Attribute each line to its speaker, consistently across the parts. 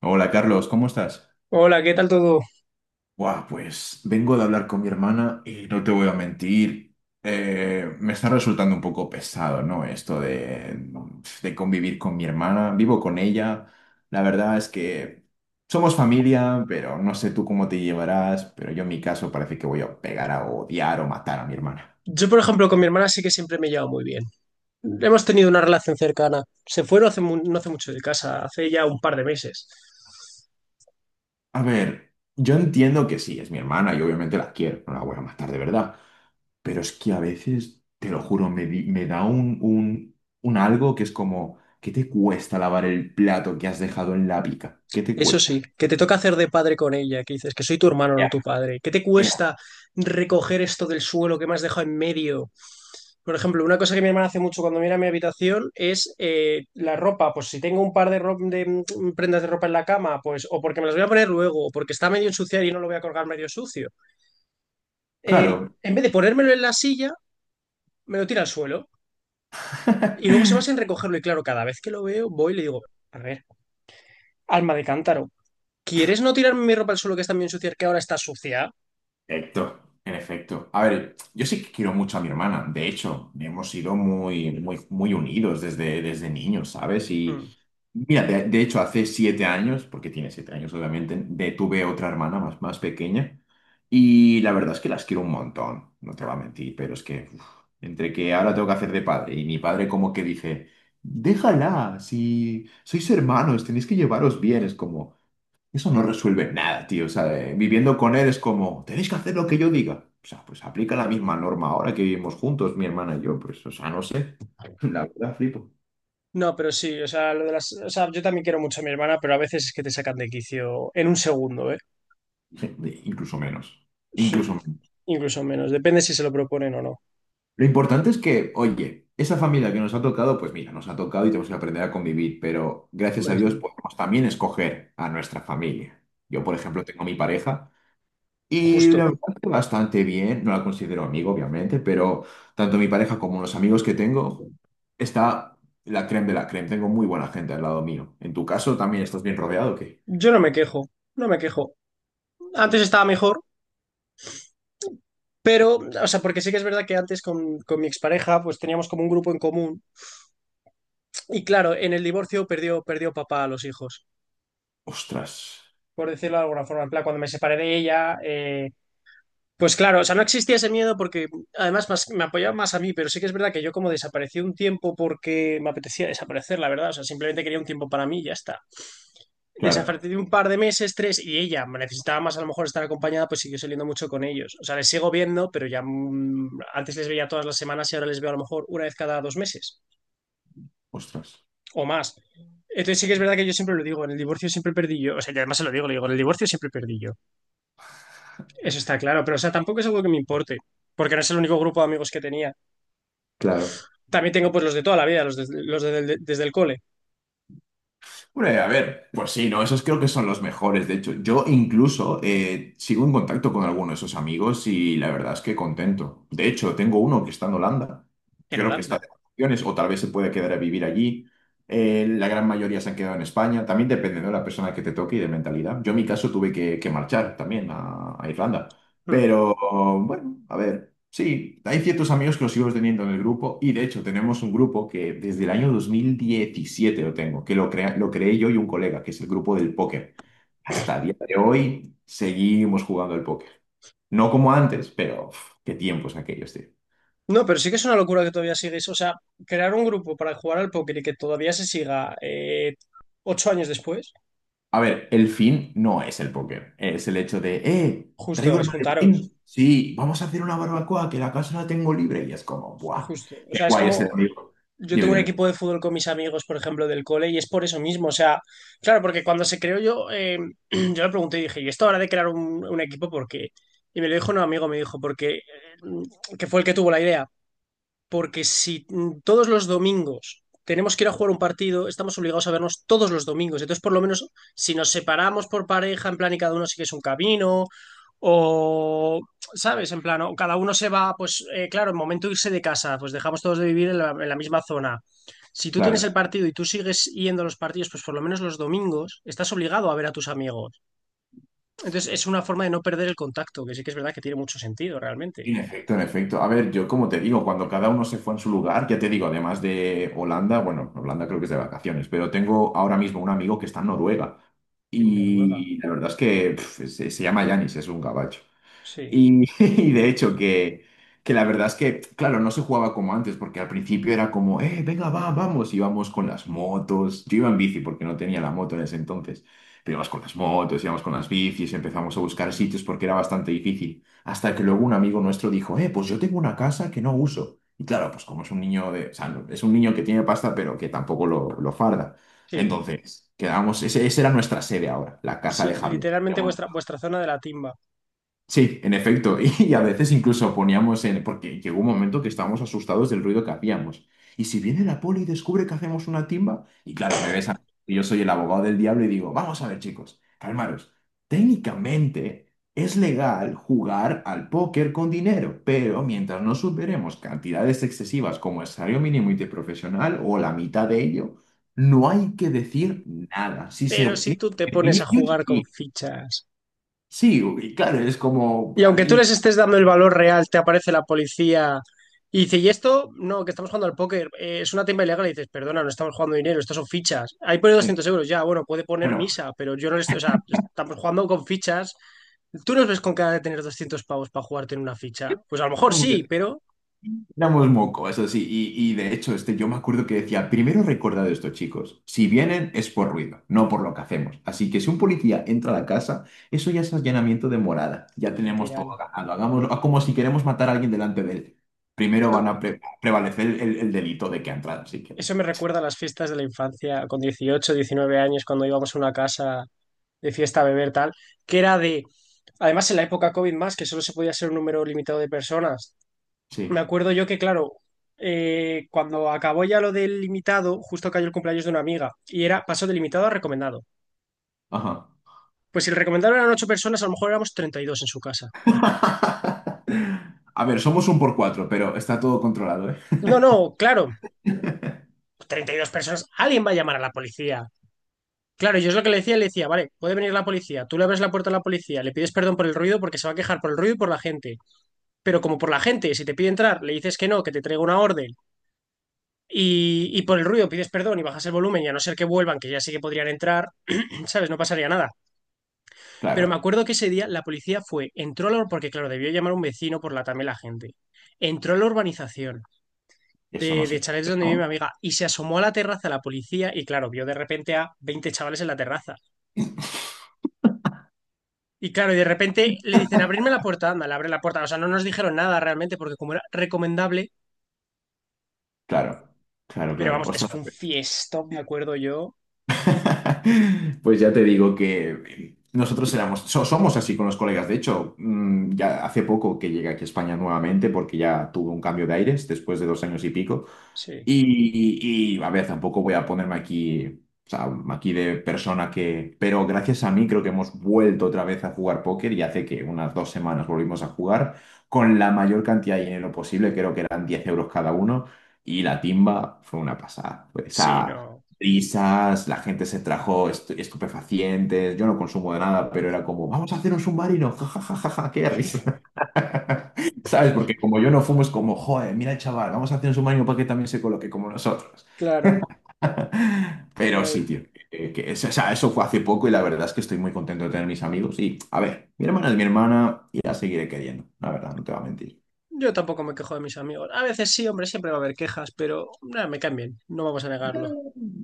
Speaker 1: Hola Carlos, ¿cómo estás?
Speaker 2: Hola, ¿qué tal todo?
Speaker 1: Buah, pues vengo de hablar con mi hermana y no te voy a mentir, me está resultando un poco pesado, ¿no? Esto de convivir con mi hermana, vivo con ella, la verdad es que somos familia, pero no sé tú cómo te llevarás, pero yo en mi caso parece que voy a pegar a odiar o matar a mi hermana.
Speaker 2: Yo, por ejemplo, con mi hermana sí que siempre me he llevado muy bien. Hemos tenido una relación cercana. Se fue no hace mucho de casa, hace ya un par de meses.
Speaker 1: A ver, yo entiendo que sí, es mi hermana y obviamente la quiero, no la voy a matar de verdad. Pero es que a veces, te lo juro, me da un algo que es como, ¿qué te cuesta lavar el plato que has dejado en la pica? ¿Qué te
Speaker 2: Eso sí,
Speaker 1: cuesta?
Speaker 2: que te toca hacer de padre con ella, que dices que soy tu hermano, no
Speaker 1: Ya.
Speaker 2: tu padre. ¿Qué te
Speaker 1: Ya.
Speaker 2: cuesta recoger esto del suelo que me has dejado en medio? Por ejemplo, una cosa que mi hermana hace mucho cuando mira mi habitación es la ropa. Pues si tengo un par de prendas de ropa en la cama, pues o porque me las voy a poner luego, o porque está medio ensuciada y no lo voy a colgar medio sucio. eh,
Speaker 1: Claro.
Speaker 2: en vez de ponérmelo en la silla, me lo tira al suelo y luego se va sin recogerlo. Y claro, cada vez que lo veo, voy y le digo, a ver, alma de cántaro, ¿quieres no tirarme mi ropa al suelo que está bien sucia, que ahora está sucia?
Speaker 1: Perfecto, en efecto. A ver, yo sí que quiero mucho a mi hermana. De hecho, hemos sido muy, muy, muy unidos desde niños, ¿sabes? Y
Speaker 2: Mm.
Speaker 1: mira, de hecho, hace 7 años, porque tiene 7 años, obviamente, tuve otra hermana más pequeña. Y la verdad es que las quiero un montón, no te voy a mentir, pero es que uf, entre que ahora tengo que hacer de padre y mi padre como que dice, déjala, si sois hermanos, tenéis que llevaros bien, es como... Eso no resuelve nada, tío. O sea, viviendo con él es como, tenéis que hacer lo que yo diga. O sea, pues aplica la misma norma ahora que vivimos juntos, mi hermana y yo. Pues, o sea, no sé. La verdad, flipo.
Speaker 2: No, pero sí, o sea, yo también quiero mucho a mi hermana, pero a veces es que te sacan de quicio en un segundo, ¿eh?
Speaker 1: Incluso menos.
Speaker 2: Sí,
Speaker 1: Incluso menos.
Speaker 2: incluso menos, depende si se lo proponen o no.
Speaker 1: Lo importante es que, oye, esa familia que nos ha tocado, pues mira, nos ha tocado y tenemos que aprender a convivir. Pero gracias
Speaker 2: Hombre,
Speaker 1: a Dios
Speaker 2: sí.
Speaker 1: podemos también escoger a nuestra familia. Yo, por ejemplo, tengo mi pareja. Y la
Speaker 2: Justo.
Speaker 1: verdad que bastante bien, no la considero amigo, obviamente, pero tanto mi pareja como los amigos que tengo, está la creme de la creme. Tengo muy buena gente al lado mío. En tu caso, ¿también estás bien rodeado o qué?
Speaker 2: Yo no me quejo, no me quejo. Antes estaba mejor, pero, o sea, porque sí que es verdad que antes con mi expareja, pues teníamos como un grupo en común. Y claro, en el divorcio perdió papá a los hijos,
Speaker 1: Ostras,
Speaker 2: por decirlo de alguna forma. En plan, cuando me separé de ella, pues claro, o sea, no existía ese miedo porque me apoyaba más a mí, pero sí que es verdad que yo como desaparecí un tiempo porque me apetecía desaparecer, la verdad. O sea, simplemente quería un tiempo para mí y ya está.
Speaker 1: claro,
Speaker 2: Desaparecí un par de meses, tres, y ella me necesitaba más a lo mejor estar acompañada, pues siguió saliendo mucho con ellos. O sea, les sigo viendo, pero ya antes les veía todas las semanas y ahora les veo a lo mejor una vez cada dos meses
Speaker 1: ostras,
Speaker 2: o más. Entonces sí que es verdad que yo siempre lo digo, en el divorcio siempre perdí yo, o sea, y además se lo digo, le digo, en el divorcio siempre perdí yo. Eso está claro, pero o sea, tampoco es algo que me importe, porque no es el único grupo de amigos que tenía.
Speaker 1: claro.
Speaker 2: También tengo pues los de toda la vida, los desde el cole.
Speaker 1: Hombre, a ver, pues sí, ¿no? Esos creo que son los mejores. De hecho, yo incluso sigo en contacto con alguno de esos amigos y la verdad es que contento. De hecho, tengo uno que está en Holanda.
Speaker 2: En
Speaker 1: Creo que está
Speaker 2: Holanda.
Speaker 1: de vacaciones o tal vez se puede quedar a vivir allí. La gran mayoría se han quedado en España. También depende, ¿no? de la persona que te toque y de mentalidad. Yo en mi caso tuve que marchar también a Irlanda.
Speaker 2: Hmm.
Speaker 1: Pero bueno, a ver. Sí, hay ciertos amigos que los sigo teniendo en el grupo y de hecho tenemos un grupo que desde el año 2017 lo tengo, que lo creé yo y un colega, que es el grupo del póker. Hasta el día de hoy seguimos jugando al póker. No como antes, pero uf, qué tiempos aquellos, tío.
Speaker 2: No, pero sí que es una locura que todavía sigues, o sea, crear un grupo para jugar al póker y que todavía se siga 8 años después,
Speaker 1: A ver, el fin no es el póker, es el hecho de,
Speaker 2: justo,
Speaker 1: traigo el
Speaker 2: es juntaros,
Speaker 1: maletín, sí, vamos a hacer una barbacoa, que la casa la tengo libre y es como, ¡buah!
Speaker 2: justo. O
Speaker 1: ¡Qué
Speaker 2: sea, es
Speaker 1: guay es el
Speaker 2: como,
Speaker 1: amigo!
Speaker 2: Yo
Speaker 1: Dime,
Speaker 2: tengo un
Speaker 1: dime,
Speaker 2: equipo de fútbol con mis amigos, por ejemplo, del cole, y es por eso mismo. O sea, claro, porque cuando se creó yo, yo le pregunté y dije, ¿y esto ahora de crear un equipo, por qué? Y me lo dijo un amigo, me dijo, porque, que fue el que tuvo la idea porque si todos los domingos tenemos que ir a jugar un partido, estamos obligados a vernos todos los domingos. Entonces, por lo menos, si nos separamos por pareja, en plan, y cada uno sigue su camino, o, ¿sabes? En plan, o cada uno se va, pues, claro, en momento de irse de casa, pues dejamos todos de vivir en la misma zona. Si tú tienes el
Speaker 1: claro.
Speaker 2: partido y tú sigues yendo a los partidos, pues por lo menos los domingos estás obligado a ver a tus amigos. Entonces, es una forma de no perder el contacto, que sí que es verdad que tiene mucho sentido realmente.
Speaker 1: En efecto, en efecto. A ver, yo como te digo, cuando cada uno se fue en su lugar, ya te digo, además de Holanda, bueno, Holanda creo que es de vacaciones, pero tengo ahora mismo un amigo que está en Noruega
Speaker 2: En Noruega,
Speaker 1: y la verdad es que se llama Yanis, es un gabacho.
Speaker 2: sí,
Speaker 1: Y, y de hecho que la verdad es que, claro, no se jugaba como antes, porque al principio era como, venga, va, vamos, íbamos con las motos. Yo iba en bici porque no tenía la moto en ese entonces, pero íbamos con las motos, íbamos con las bicis, empezamos a buscar sitios porque era bastante difícil. Hasta que luego un amigo nuestro dijo, pues yo tengo una casa que no uso. Y claro, pues como es un niño de, o sea, no- es un niño que tiene pasta, pero que tampoco lo, lo farda.
Speaker 2: sí.
Speaker 1: Entonces, quedamos, esa era nuestra sede ahora, la casa
Speaker 2: Sí,
Speaker 1: de Javier.
Speaker 2: literalmente vuestra, vuestra zona de la timba.
Speaker 1: Sí, en efecto. Y a veces incluso poníamos en... Porque llegó un momento que estábamos asustados del ruido que hacíamos. Y si viene la poli y descubre que hacemos una timba... Y claro, me ves a... y Yo soy el abogado del diablo y digo, vamos a ver, chicos, calmaros. Técnicamente es legal jugar al póker con dinero, pero mientras no superemos cantidades excesivas como el salario mínimo interprofesional o la mitad de ello, no hay que decir nada. Si se
Speaker 2: Pero si
Speaker 1: obtiene
Speaker 2: tú te pones a
Speaker 1: beneficios,
Speaker 2: jugar con
Speaker 1: sí.
Speaker 2: fichas
Speaker 1: Sí, y claro, es como,
Speaker 2: y aunque tú les estés dando el valor real, te aparece la policía y dice, ¿y esto? No, que estamos jugando al póker. Es una timba ilegal. Y dices, perdona, no estamos jugando dinero, estas son fichas. Ahí pone
Speaker 1: Eh,
Speaker 2: 200 euros, ya, bueno, puede poner
Speaker 1: Bueno,
Speaker 2: misa, pero yo no le estoy, o sea, estamos jugando con fichas. ¿Tú nos ves con cara de tener 200 pavos para jugarte en una ficha? Pues a lo mejor sí,
Speaker 1: éramos
Speaker 2: pero
Speaker 1: éramos moco, eso sí, y de hecho, este, yo me acuerdo que decía, primero recordad esto, chicos, si vienen es por ruido, no por lo que hacemos. Así que si un policía entra a la casa, eso ya es allanamiento de morada, ya tenemos
Speaker 2: literal.
Speaker 1: todo ganado, hagámoslo como si queremos matar a alguien delante de él. Primero van a prevalecer el delito de que ha entrado, así que
Speaker 2: Eso me recuerda a las fiestas de la infancia, con 18 19 años, cuando íbamos a una casa de fiesta, beber, tal, que era de, además en la época COVID más, que solo se podía ser un número limitado de personas. Me
Speaker 1: sí,
Speaker 2: acuerdo yo que, claro, cuando acabó ya lo del limitado, justo cayó el cumpleaños de una amiga y era pasó de limitado a recomendado.
Speaker 1: ajá.
Speaker 2: Pues si el recomendado eran ocho personas, a lo mejor éramos 32 en su casa.
Speaker 1: A ver, somos un por cuatro, pero está todo controlado, ¿eh?
Speaker 2: No, no, claro, 32 personas, alguien va a llamar a la policía. Claro, yo es lo que le decía, vale, puede venir la policía, tú le abres la puerta a la policía, le pides perdón por el ruido porque se va a quejar por el ruido y por la gente. Pero como por la gente, si te pide entrar, le dices que no, que te traiga una orden. Y por el ruido pides perdón y bajas el volumen y a no ser que vuelvan, que ya sí que podrían entrar, ¿sabes? No pasaría nada. Pero me
Speaker 1: Claro,
Speaker 2: acuerdo que ese día la policía fue, entró a la, porque claro, debió llamar a un vecino por la también la gente. Entró a la urbanización
Speaker 1: eso no
Speaker 2: de,
Speaker 1: se
Speaker 2: de chalets
Speaker 1: puede,
Speaker 2: donde vive mi
Speaker 1: ¿no?
Speaker 2: amiga y se asomó a la terraza la policía y claro, vio de repente a 20 chavales en la terraza. Y claro, y de repente le dicen, abrirme la puerta, anda, le abre la puerta. O sea, no nos dijeron nada realmente porque como era recomendable,
Speaker 1: Claro, claro,
Speaker 2: pero
Speaker 1: claro.
Speaker 2: vamos, eso
Speaker 1: Ostras,
Speaker 2: fue un fiestón me acuerdo yo.
Speaker 1: Pues ya te digo que nosotros éramos, somos así con los colegas. De hecho, ya hace poco que llegué aquí a España nuevamente porque ya tuve un cambio de aires después de 2 años y pico.
Speaker 2: Sí,
Speaker 1: A ver, tampoco voy a ponerme aquí, o sea, aquí de persona que... Pero gracias a mí creo que hemos vuelto otra vez a jugar póker y hace que unas 2 semanas volvimos a jugar con la mayor cantidad de dinero posible, creo que eran 10 euros cada uno. Y la timba fue una pasada. Pues, o
Speaker 2: sí,
Speaker 1: sea,
Speaker 2: no.
Speaker 1: risas la gente se trajo estupefacientes, yo no consumo de nada, pero era como, vamos a hacer un submarino, jajajaja, qué risa. ¿Sabes? Porque como yo no fumo, es como, joder, mira el chaval, vamos a hacer un submarino para que también se coloque como nosotros.
Speaker 2: Claro.
Speaker 1: Pero sí,
Speaker 2: Ay.
Speaker 1: tío, que eso, o sea, eso fue hace poco y la verdad es que estoy muy contento de tener mis amigos. Y, a ver, mi hermana es mi hermana y la seguiré queriendo, la verdad, no te voy a mentir.
Speaker 2: Yo tampoco me quejo de mis amigos. A veces sí, hombre, siempre va a haber quejas, pero nada, me caen bien, no vamos a negarlo.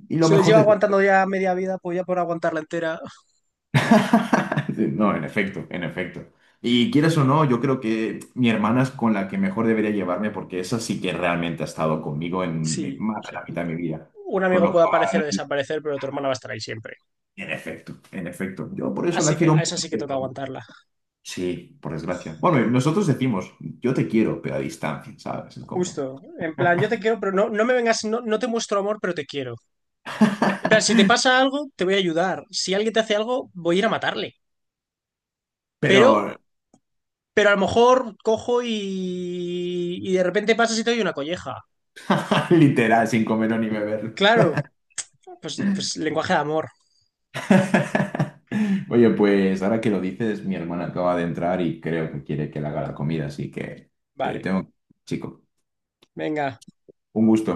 Speaker 1: Y lo
Speaker 2: Se les
Speaker 1: mejor
Speaker 2: lleva
Speaker 1: de
Speaker 2: aguantando ya media vida, pues ya por aguantarla entera.
Speaker 1: Sí, No, en efecto, en efecto. Y quieras o no, yo creo que mi hermana es con la que mejor debería llevarme porque esa sí que realmente ha estado conmigo en
Speaker 2: Sí,
Speaker 1: más
Speaker 2: o
Speaker 1: de la
Speaker 2: sea,
Speaker 1: mitad de mi vida.
Speaker 2: un
Speaker 1: Con
Speaker 2: amigo
Speaker 1: lo
Speaker 2: puede aparecer o
Speaker 1: cual,
Speaker 2: desaparecer, pero tu hermana va a estar ahí siempre.
Speaker 1: en efecto, en efecto. Yo por eso
Speaker 2: Así
Speaker 1: la
Speaker 2: que
Speaker 1: quiero
Speaker 2: a esa
Speaker 1: mucho,
Speaker 2: sí que toca
Speaker 1: pero
Speaker 2: aguantarla.
Speaker 1: sí, por desgracia. Bueno, y nosotros decimos, yo te quiero, pero a distancia, ¿sabes? Es como...
Speaker 2: Justo, en plan, yo te quiero, pero no, no me vengas, no, no te muestro amor, pero te quiero. En plan, si te pasa algo, te voy a ayudar. Si alguien te hace algo, voy a ir a matarle. Pero,
Speaker 1: Pero
Speaker 2: pero a lo mejor cojo y de repente pasas y te doy una colleja.
Speaker 1: literal, sin comer ni beber.
Speaker 2: Claro, pues lenguaje de amor.
Speaker 1: Oye, pues ahora que lo dices, mi hermana acaba de entrar y creo que quiere que le haga la comida, así que te
Speaker 2: Vale,
Speaker 1: tengo, chico,
Speaker 2: venga.
Speaker 1: un gusto.